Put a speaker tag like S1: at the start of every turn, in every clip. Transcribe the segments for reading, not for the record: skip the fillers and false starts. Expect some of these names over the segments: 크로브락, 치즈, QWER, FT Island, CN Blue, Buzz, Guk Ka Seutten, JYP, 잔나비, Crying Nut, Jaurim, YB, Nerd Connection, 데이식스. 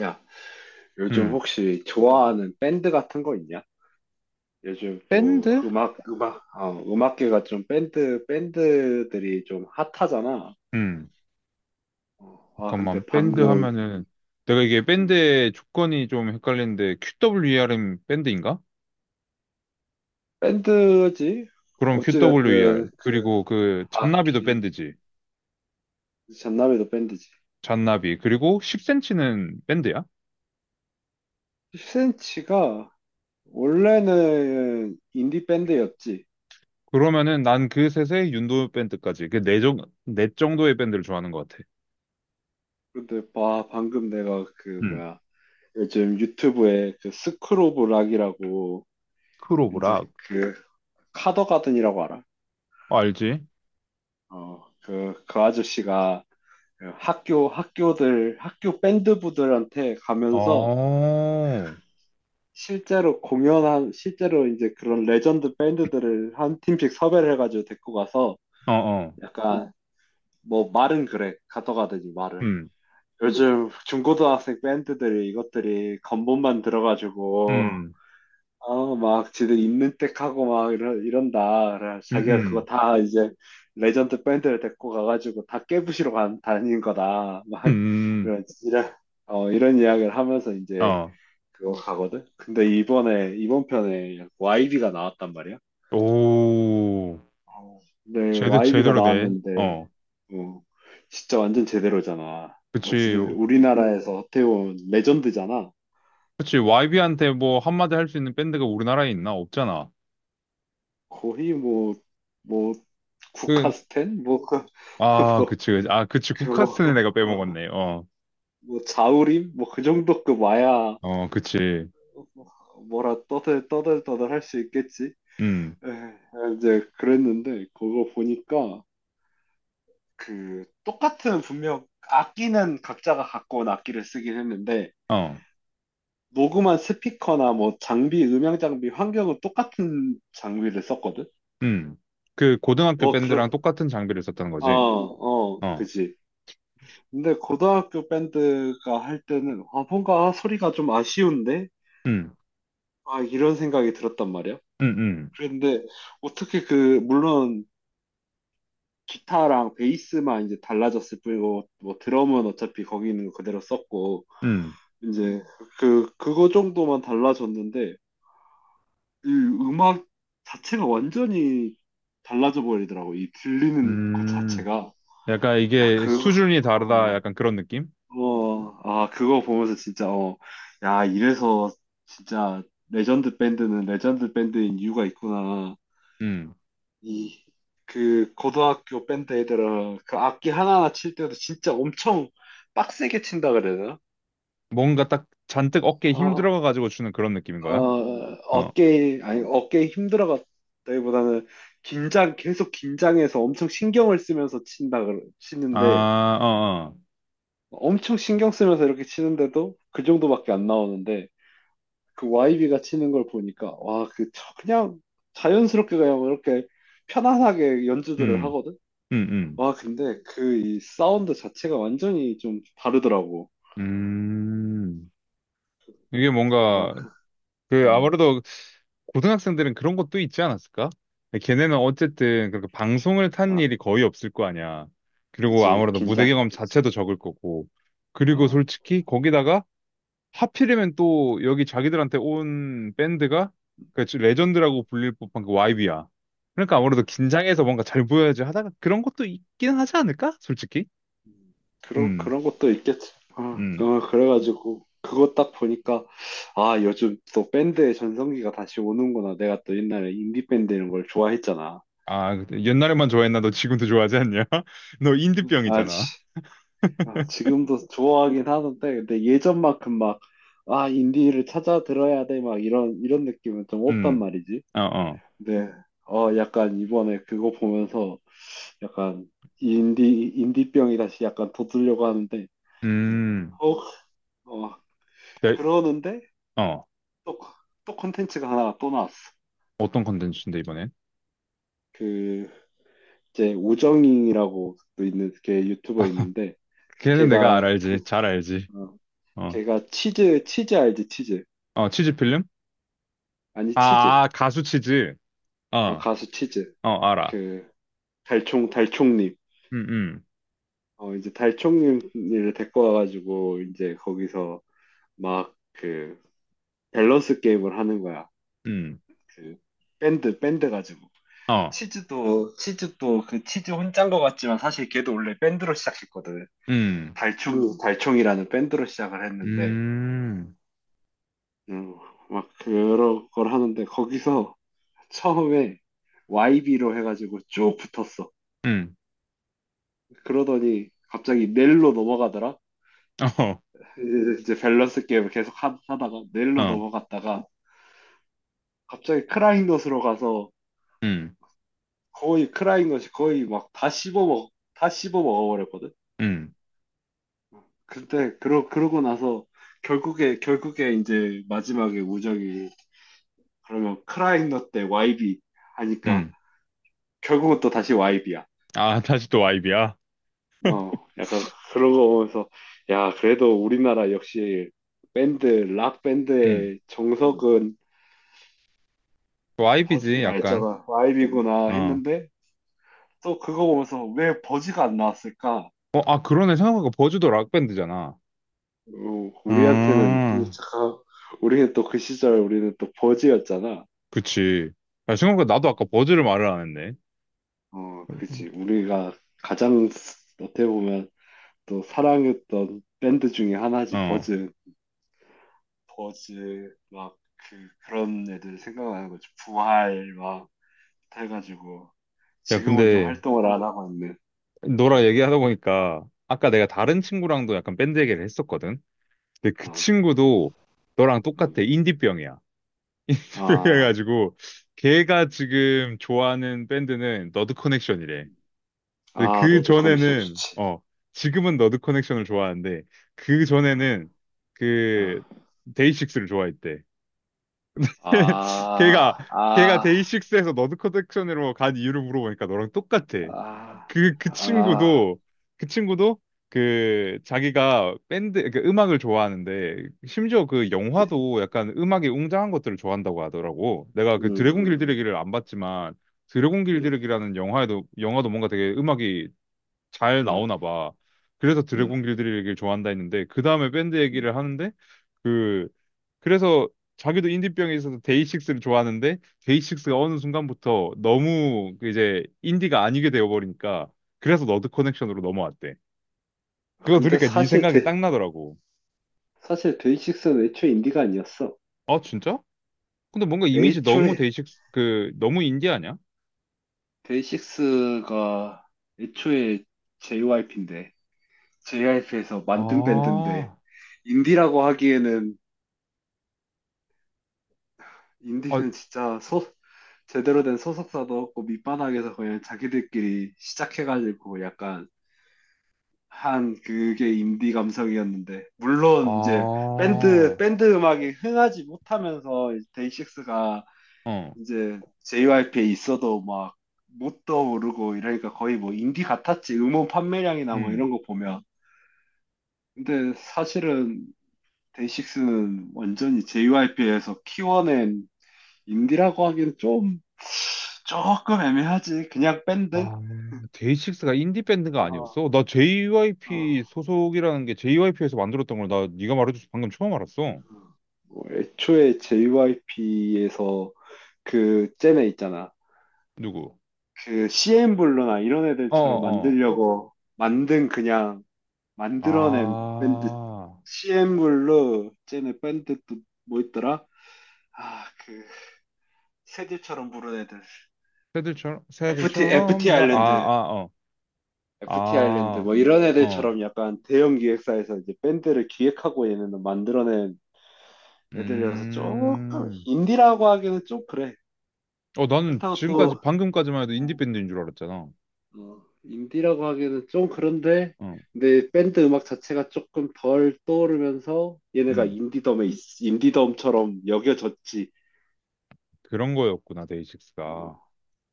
S1: 야, 요즘
S2: 음,
S1: 혹시 좋아하는 밴드 같은 거 있냐? 요즘 또
S2: 밴드?
S1: 음악계가 좀 밴드들이 좀 핫하잖아.
S2: 음. 잠깐만,
S1: 근데
S2: 밴드 하면은, 내가 이게
S1: 음,
S2: 밴드의 조건이 좀 헷갈리는데, QWER은 밴드인가?
S1: 밴드지?
S2: 그럼 QWER.
S1: 어찌됐든, 그,
S2: 그리고 그, 잔나비도
S1: 악기,
S2: 밴드지.
S1: 잔나비도 밴드지.
S2: 잔나비. 그리고 10cm는 밴드야?
S1: 10cm가 원래는 인디 밴드였지.
S2: 그러면은 난 그 셋의 윤도 밴드까지, 네 정도의 밴드를 좋아하는 것 같아.
S1: 근데 봐, 방금 내가 그,
S2: 음.
S1: 뭐야, 요즘 유튜브에 그 스크로브 락이라고, 이제
S2: 크로브락.
S1: 그, 카더가든이라고 알아?
S2: 어, 알지?
S1: 어, 그 아저씨가 그 학교 밴드부들한테
S2: 어,
S1: 가면서
S2: 어,
S1: 실제로 이제 그런 레전드 밴드들을 한 팀씩 섭외를 해가지고 데리고 가서
S2: 어.
S1: 약간 뭐 말은 그래, 가져가든지 말을.
S2: 음,
S1: 요즘 중고등학생 밴드들이 이것들이 건본만 들어가지고
S2: 음,
S1: 아, 막 지들 있는 때 하고 막 이런다. 그래, 자기가 그거
S2: 음,
S1: 다 이제 레전드 밴드를 데리고 가가지고 다 다닌 거다.
S2: 음,
S1: 막
S2: 음,
S1: 이런, 이런, 이런 이야기를 하면서 이제
S2: 어.
S1: 그거 가거든. 근데 이번 편에 YB가 나왔단 말이야.
S2: 오.
S1: 어, 근데 YB가
S2: 제대로 돼.
S1: 나왔는데,
S2: 어.
S1: 어, 진짜 완전 제대로잖아.
S2: 그치.
S1: 어찌됐든 우리나라에서 어떻게 보면 레전드잖아.
S2: 그치. YB한테 뭐 한마디 할 수 있는 밴드가 우리나라에 있나? 없잖아.
S1: 거의 뭐,
S2: 그,
S1: 국카스텐? 뭐, 그,
S2: 아, 그치. 그치. 아, 그치. 국카스는
S1: 뭐,
S2: 내가 빼먹었네. 어.
S1: 뭐 자우림? 뭐 그 정도급 와야
S2: 어, 그치.
S1: 뭐라 떠들 할 수 있겠지?
S2: 음.
S1: 에, 이제 그랬는데 그거 보니까 그 똑같은 분명 악기는 각자가 갖고 온 악기를 쓰긴 했는데
S2: 어.
S1: 녹음한 스피커나 뭐 장비, 음향 장비, 환경은 똑같은 장비를 썼거든?
S2: 음. 그 고등학교
S1: 어,
S2: 밴드랑
S1: 그럼.
S2: 똑같은 장비를 썼다는 거지. 어.
S1: 그지. 근데 고등학교 밴드가 할 때는 아, 뭔가 소리가 좀 아쉬운데?
S2: 음.
S1: 아, 이런 생각이 들었단 말이야.
S2: 음. 음.
S1: 그런데 어떻게 그 물론 기타랑 베이스만 이제 달라졌을 뿐이고 뭐 드럼은 어차피 거기 있는 거 그대로 썼고
S2: 음.
S1: 이제 그 그거 정도만 달라졌는데 이 음악 자체가 완전히 달라져 버리더라고. 이 들리는 것
S2: 음.
S1: 자체가,
S2: 약간
S1: 야
S2: 이게
S1: 그거
S2: 수준이 다르다. 약간 그런 느낌?
S1: 그거 보면서 진짜 어, 야 이래서 진짜 레전드 밴드는 레전드 밴드인 이유가 있구나.
S2: 음.
S1: 이 그 고등학교 밴드 애들은 그 악기 하나하나 칠 때도 진짜 엄청 빡세게 친다 그래야 되나?
S2: 뭔가 딱 잔뜩 어깨에 힘
S1: 어,
S2: 들어가가지고 주는 그런 느낌인 거야? 어.
S1: 어깨 아니 어깨에 힘들어갔다기보다는 긴장 계속 긴장해서 엄청 신경을 쓰면서
S2: 아,
S1: 치는데,
S2: 어, 어.
S1: 엄청 신경 쓰면서 이렇게 치는데도 그 정도밖에 안 나오는데, 그 YB가 치는 걸 보니까 와 그냥 자연스럽게 그냥 이렇게 편안하게 연주들을
S2: 음.
S1: 하거든.
S2: 음. 음.
S1: 와, 근데 그 이 사운드 자체가 완전히 좀 다르더라고.
S2: 음, 이게
S1: 어,
S2: 뭔가,
S1: 그-
S2: 그,
S1: 음,
S2: 아무래도 고등학생들은 그런 것도 있지 않았을까? 걔네는 어쨌든 그렇게 방송을 탄
S1: 아,
S2: 일이 거의 없을 거 아니야. 그리고
S1: 그치.
S2: 아무래도 무대 경험
S1: 긴장했겠지.
S2: 자체도 적을 거고. 그리고
S1: 어,
S2: 솔직히 거기다가 하필이면 또 여기 자기들한테 온 밴드가 그 레전드라고 불릴 법한 그 YB야. 그러니까 아무래도 긴장해서 뭔가 잘 보여야지 하다가 그런 것도 있긴 하지 않을까? 솔직히.
S1: 음,
S2: 음,
S1: 그런 것도 있겠지. 어,
S2: 음.
S1: 어, 그래가지고 그거 딱 보니까 아, 요즘 또 밴드의 전성기가 다시 오는구나. 내가 또 옛날에 인디밴드 이런 걸 좋아했잖아.
S2: 아, 그때 옛날에만 좋아했나? 너 지금도 좋아하지 않냐? 너
S1: 음.
S2: 인디병이잖아.
S1: 아, 지금도 좋아하긴 하는데, 근데 예전만큼 막, 아, 인디를 찾아 들어야 돼. 막 이런 느낌은 좀 없단
S2: 음,
S1: 말이지.
S2: 어, 어.
S1: 네. 어, 약간 이번에 그거 보면서 약간 인디병이 다시 약간 돋으려고 하는데, 이제,
S2: 음,
S1: 어, 어,
S2: 네,
S1: 그러는데
S2: 어.
S1: 또, 또 콘텐츠가 하나 또 나왔어.
S2: 어떤 컨텐츠인데, 이번엔?
S1: 그, 이제 우정잉이라고 또 있는, 걔 유튜버 있는데,
S2: 걔는 내가 알
S1: 걔가 그,
S2: 알지. 잘 알지.
S1: 어,
S2: 어,
S1: 걔가 치즈 알지, 치즈.
S2: 어, 치즈 필름?
S1: 아니,
S2: 아,
S1: 치즈.
S2: 아, 가수 치즈.
S1: 아,
S2: 어,
S1: 가수 치즈.
S2: 어, 알아.
S1: 그, 달총님.
S2: 음, 음,
S1: 어, 이제 달총님을 데리고 와가지고, 이제 거기서 막, 그 밸런스 게임을 하는 거야.
S2: 음,
S1: 그 밴드 가지고,
S2: 어,
S1: 치즈도 그 치즈 혼자인 것 같지만 사실 걔도 원래 밴드로 시작했거든.
S2: 음,
S1: 달총이라는 밴드로 시작을 했는데,
S2: 음,
S1: 음, 막 여러 걸 하는데 거기서 처음에 YB로 해가지고 쭉 붙었어.
S2: 음,
S1: 그러더니 갑자기 넬로 넘어가더라. 이제 밸런스 게임을 계속 다가
S2: 어,
S1: 넬로
S2: 어,
S1: 넘어갔다가 갑자기 크라잉넛으로 가서
S2: 음,
S1: 거의 크라잉넛이 거의 막 다 씹어 먹어버렸거든.
S2: 음,
S1: 근데 그러고 나서 결국에 이제 마지막에 우정이 그러면 크라잉넛 대 YB 하니까,
S2: 음.
S1: 결국은 또 다시 YB야.
S2: 아, 다시 또이비야.
S1: 어, 약간 그런 거 보면서, 야 그래도 우리나라 역시 밴드 락
S2: 음.
S1: 밴드의 정석은
S2: 이비지
S1: 버즈, 아
S2: 약간.
S1: 있잖아 YB구나
S2: 어.
S1: 했는데, 또 그거 보면서 왜 버즈가 안 나왔을까?
S2: 어, 아, 그러네. 생각해보니까 버즈도 락밴드잖아.
S1: 어, 우리한테는
S2: 아,
S1: 잠깐, 우리는 또 그 시절 우리는 또 버즈였잖아.
S2: 그치. 야, 생각보다 나도 아까 버즈를 말을 안 했네.
S1: 어, 그치. 우리가 어떻게 보면 또 사랑했던 밴드 중에 하나지.
S2: 어.
S1: 버즈. 버즈 막 그 그런 애들 생각나는 거지. 부활 막 해가지고
S2: 야,
S1: 지금은 좀
S2: 근데
S1: 활동을 안 하고 있네.
S2: 너랑
S1: 음,
S2: 얘기하다 보니까 아까 내가
S1: 음,
S2: 다른 친구랑도 약간 밴드 얘기를 했었거든. 근데 그
S1: 아,
S2: 친구도 너랑 똑같아.
S1: 음.
S2: 인디병이야.
S1: 아,
S2: 그래가지고 걔가 지금 좋아하는 밴드는 너드 커넥션이래. 근데
S1: 아,
S2: 그
S1: 너드 커넥션
S2: 전에는
S1: 좋지.
S2: 어 지금은 너드 커넥션을 좋아하는데 그
S1: 아,
S2: 전에는 그 데이식스를 좋아했대. 걔가
S1: 아,
S2: 걔가
S1: 아,
S2: 데이식스에서 너드 커넥션으로 간 이유를 물어보니까 너랑 똑같아.
S1: 아,
S2: 그 그
S1: 아, 아.
S2: 친구도 그 친구도 그 자기가 밴드 그 음악을 좋아하는데 심지어 그
S1: 그치?
S2: 영화도 약간 음악이 웅장한 것들을 좋아한다고 하더라고. 내가
S1: 음,
S2: 그 드래곤
S1: 음,
S2: 길들이기를 안 봤지만 드래곤
S1: 음,
S2: 길들이기라는 영화에도 영화도 뭔가 되게 음악이 잘
S1: 음,
S2: 나오나 봐. 그래서
S1: 음, 음.
S2: 드래곤 길들이기를 좋아한다 했는데 그 다음에 밴드
S1: 음.
S2: 얘기를 하는데 그 그래서 자기도 인디병에 있어서 데이식스를 좋아하는데 데이식스가 어느 순간부터 너무 그 이제 인디가 아니게 되어버리니까 그래서 너드 커넥션으로 넘어왔대.
S1: 아,
S2: 그거
S1: 근데
S2: 들으니까 네 생각이 딱 나더라고.
S1: 사실 데이식스는 애초에 인디가 아니었어.
S2: 아 진짜? 근데 뭔가 이미지 너무
S1: 애초에
S2: 데이식스 그 너무 인디 아니야?
S1: 데이식스가 애초에 JYP인데, JYP에서 만든 밴드인데,
S2: 아,
S1: 인디라고 하기에는,
S2: 아,
S1: 인디는 진짜 소 제대로 된 소속사도 없고 밑바닥에서 그냥 자기들끼리 시작해가지고 약간 한 그게 인디 감성이었는데,
S2: 아,
S1: 물론 이제
S2: 어,
S1: 밴드 음악이 흥하지 못하면서 데이식스가 이제 JYP에 있어도 막 못도 모르고 이러니까 거의 뭐 인디 같았지. 음원 판매량이나 뭐
S2: 음.
S1: 이런 거 보면. 근데 사실은 데이식스는 완전히 JYP에서 키워낸, 인디라고 하기엔 좀 조금 애매하지. 그냥 밴드.
S2: 아, 데이식스가 인디 밴드가
S1: 어,
S2: 아니었어? 나 JYP
S1: 어.
S2: 소속이라는 게 JYP에서 만들었던 걸 나 네가 말해줘서 방금 처음 알았어.
S1: 뭐 애초에 JYP에서 그 잼에 있잖아.
S2: 누구?
S1: 그 CN블루나 이런
S2: 어,
S1: 애들처럼
S2: 어.
S1: 만들려고 만든, 그냥 만들어낸 밴드.
S2: 아,
S1: CN블루, 잼의 밴드 또 뭐 있더라? 아, 그 새들처럼 부른 애들. FT
S2: 새들처럼, 나, 아,
S1: 아일랜드.
S2: 아, 어,
S1: FT 아일랜드
S2: 아,
S1: 뭐 이런
S2: 어,
S1: 애들처럼 약간 대형 기획사에서 이제 밴드를 기획하고 얘네는 만들어낸 애들이라서 조금
S2: 음,
S1: 인디라고 하기는 좀 그래.
S2: 어, 나는
S1: 그렇다고 어,
S2: 지금까지,
S1: 또
S2: 방금까지만 해도
S1: 어.
S2: 인디밴드인 줄 알았잖아.
S1: 어, 인디라고 하기에는 좀 그런데,
S2: 어,
S1: 근데 밴드 음악 자체가 조금 덜 떠오르면서 얘네가
S2: 음,
S1: 인디덤처럼 여겨졌지.
S2: 그런 거였구나, 데이식스가.
S1: 어,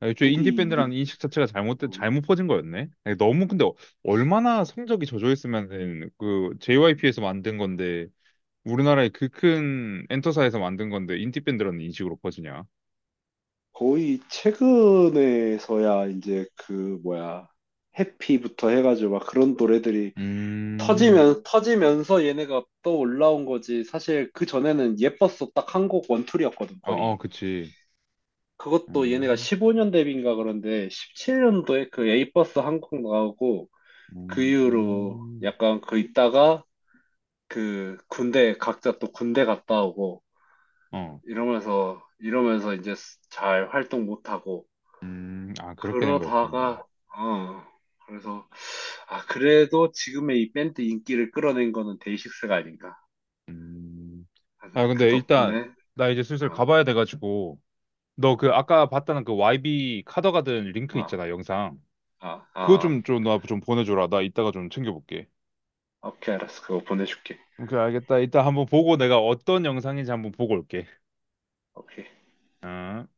S2: 아, 애초에
S1: 어디 인디,
S2: 인디밴드라는 인식 자체가 잘못된,
S1: 어,
S2: 잘못 퍼진 거였네? 아니, 너무, 근데, 어- 얼마나 성적이 저조했으면, 그, JYP에서 만든 건데, 우리나라의 그 큰 엔터사에서 만든 건데, 인디밴드라는 인식으로 퍼지냐?
S1: 거의 최근에서야 이제 그 뭐야, 해피부터 해가지고 막 그런 노래들이
S2: 음,
S1: 터지면서 얘네가 또 올라온 거지. 사실 그 전에는 예뻤어 딱 한 곡 원툴이었거든
S2: 어, 어,
S1: 거의.
S2: 그치.
S1: 그것도 얘네가
S2: 음,
S1: 15년 데뷔인가, 그런데 17년도에 그 A버스 한국 나오고, 그 이후로
S2: 음,
S1: 약간 그 있다가 그 군대 각자 또 군대 갔다 오고
S2: 어,
S1: 이러면서 이제 스- 잘 활동 못 하고,
S2: 아, 그렇게 된 거였구나.
S1: 그러다가 어 그래서 아 그래도 지금의 이 밴드 인기를 끌어낸 거는 데이식스가 아닌가
S2: 음,
S1: 하는,
S2: 아, 근데
S1: 그
S2: 일단,
S1: 덕분에.
S2: 나 이제 슬슬
S1: 어.
S2: 가봐야 돼가지고, 너 그
S1: 어.
S2: 아까 봤다는 그 YB 카더가든 링크
S1: 아,
S2: 있잖아, 영상.
S1: 아, 아,
S2: 그거
S1: 아.
S2: 좀, 좀, 나 좀 보내줘라. 나 이따가 좀 챙겨볼게.
S1: 오케이, 알았어. 그거 보내줄게.
S2: 오케이, 알겠다. 이따 한번 보고 내가 어떤 영상인지 한번 보고 올게.
S1: 오케이.
S2: 어.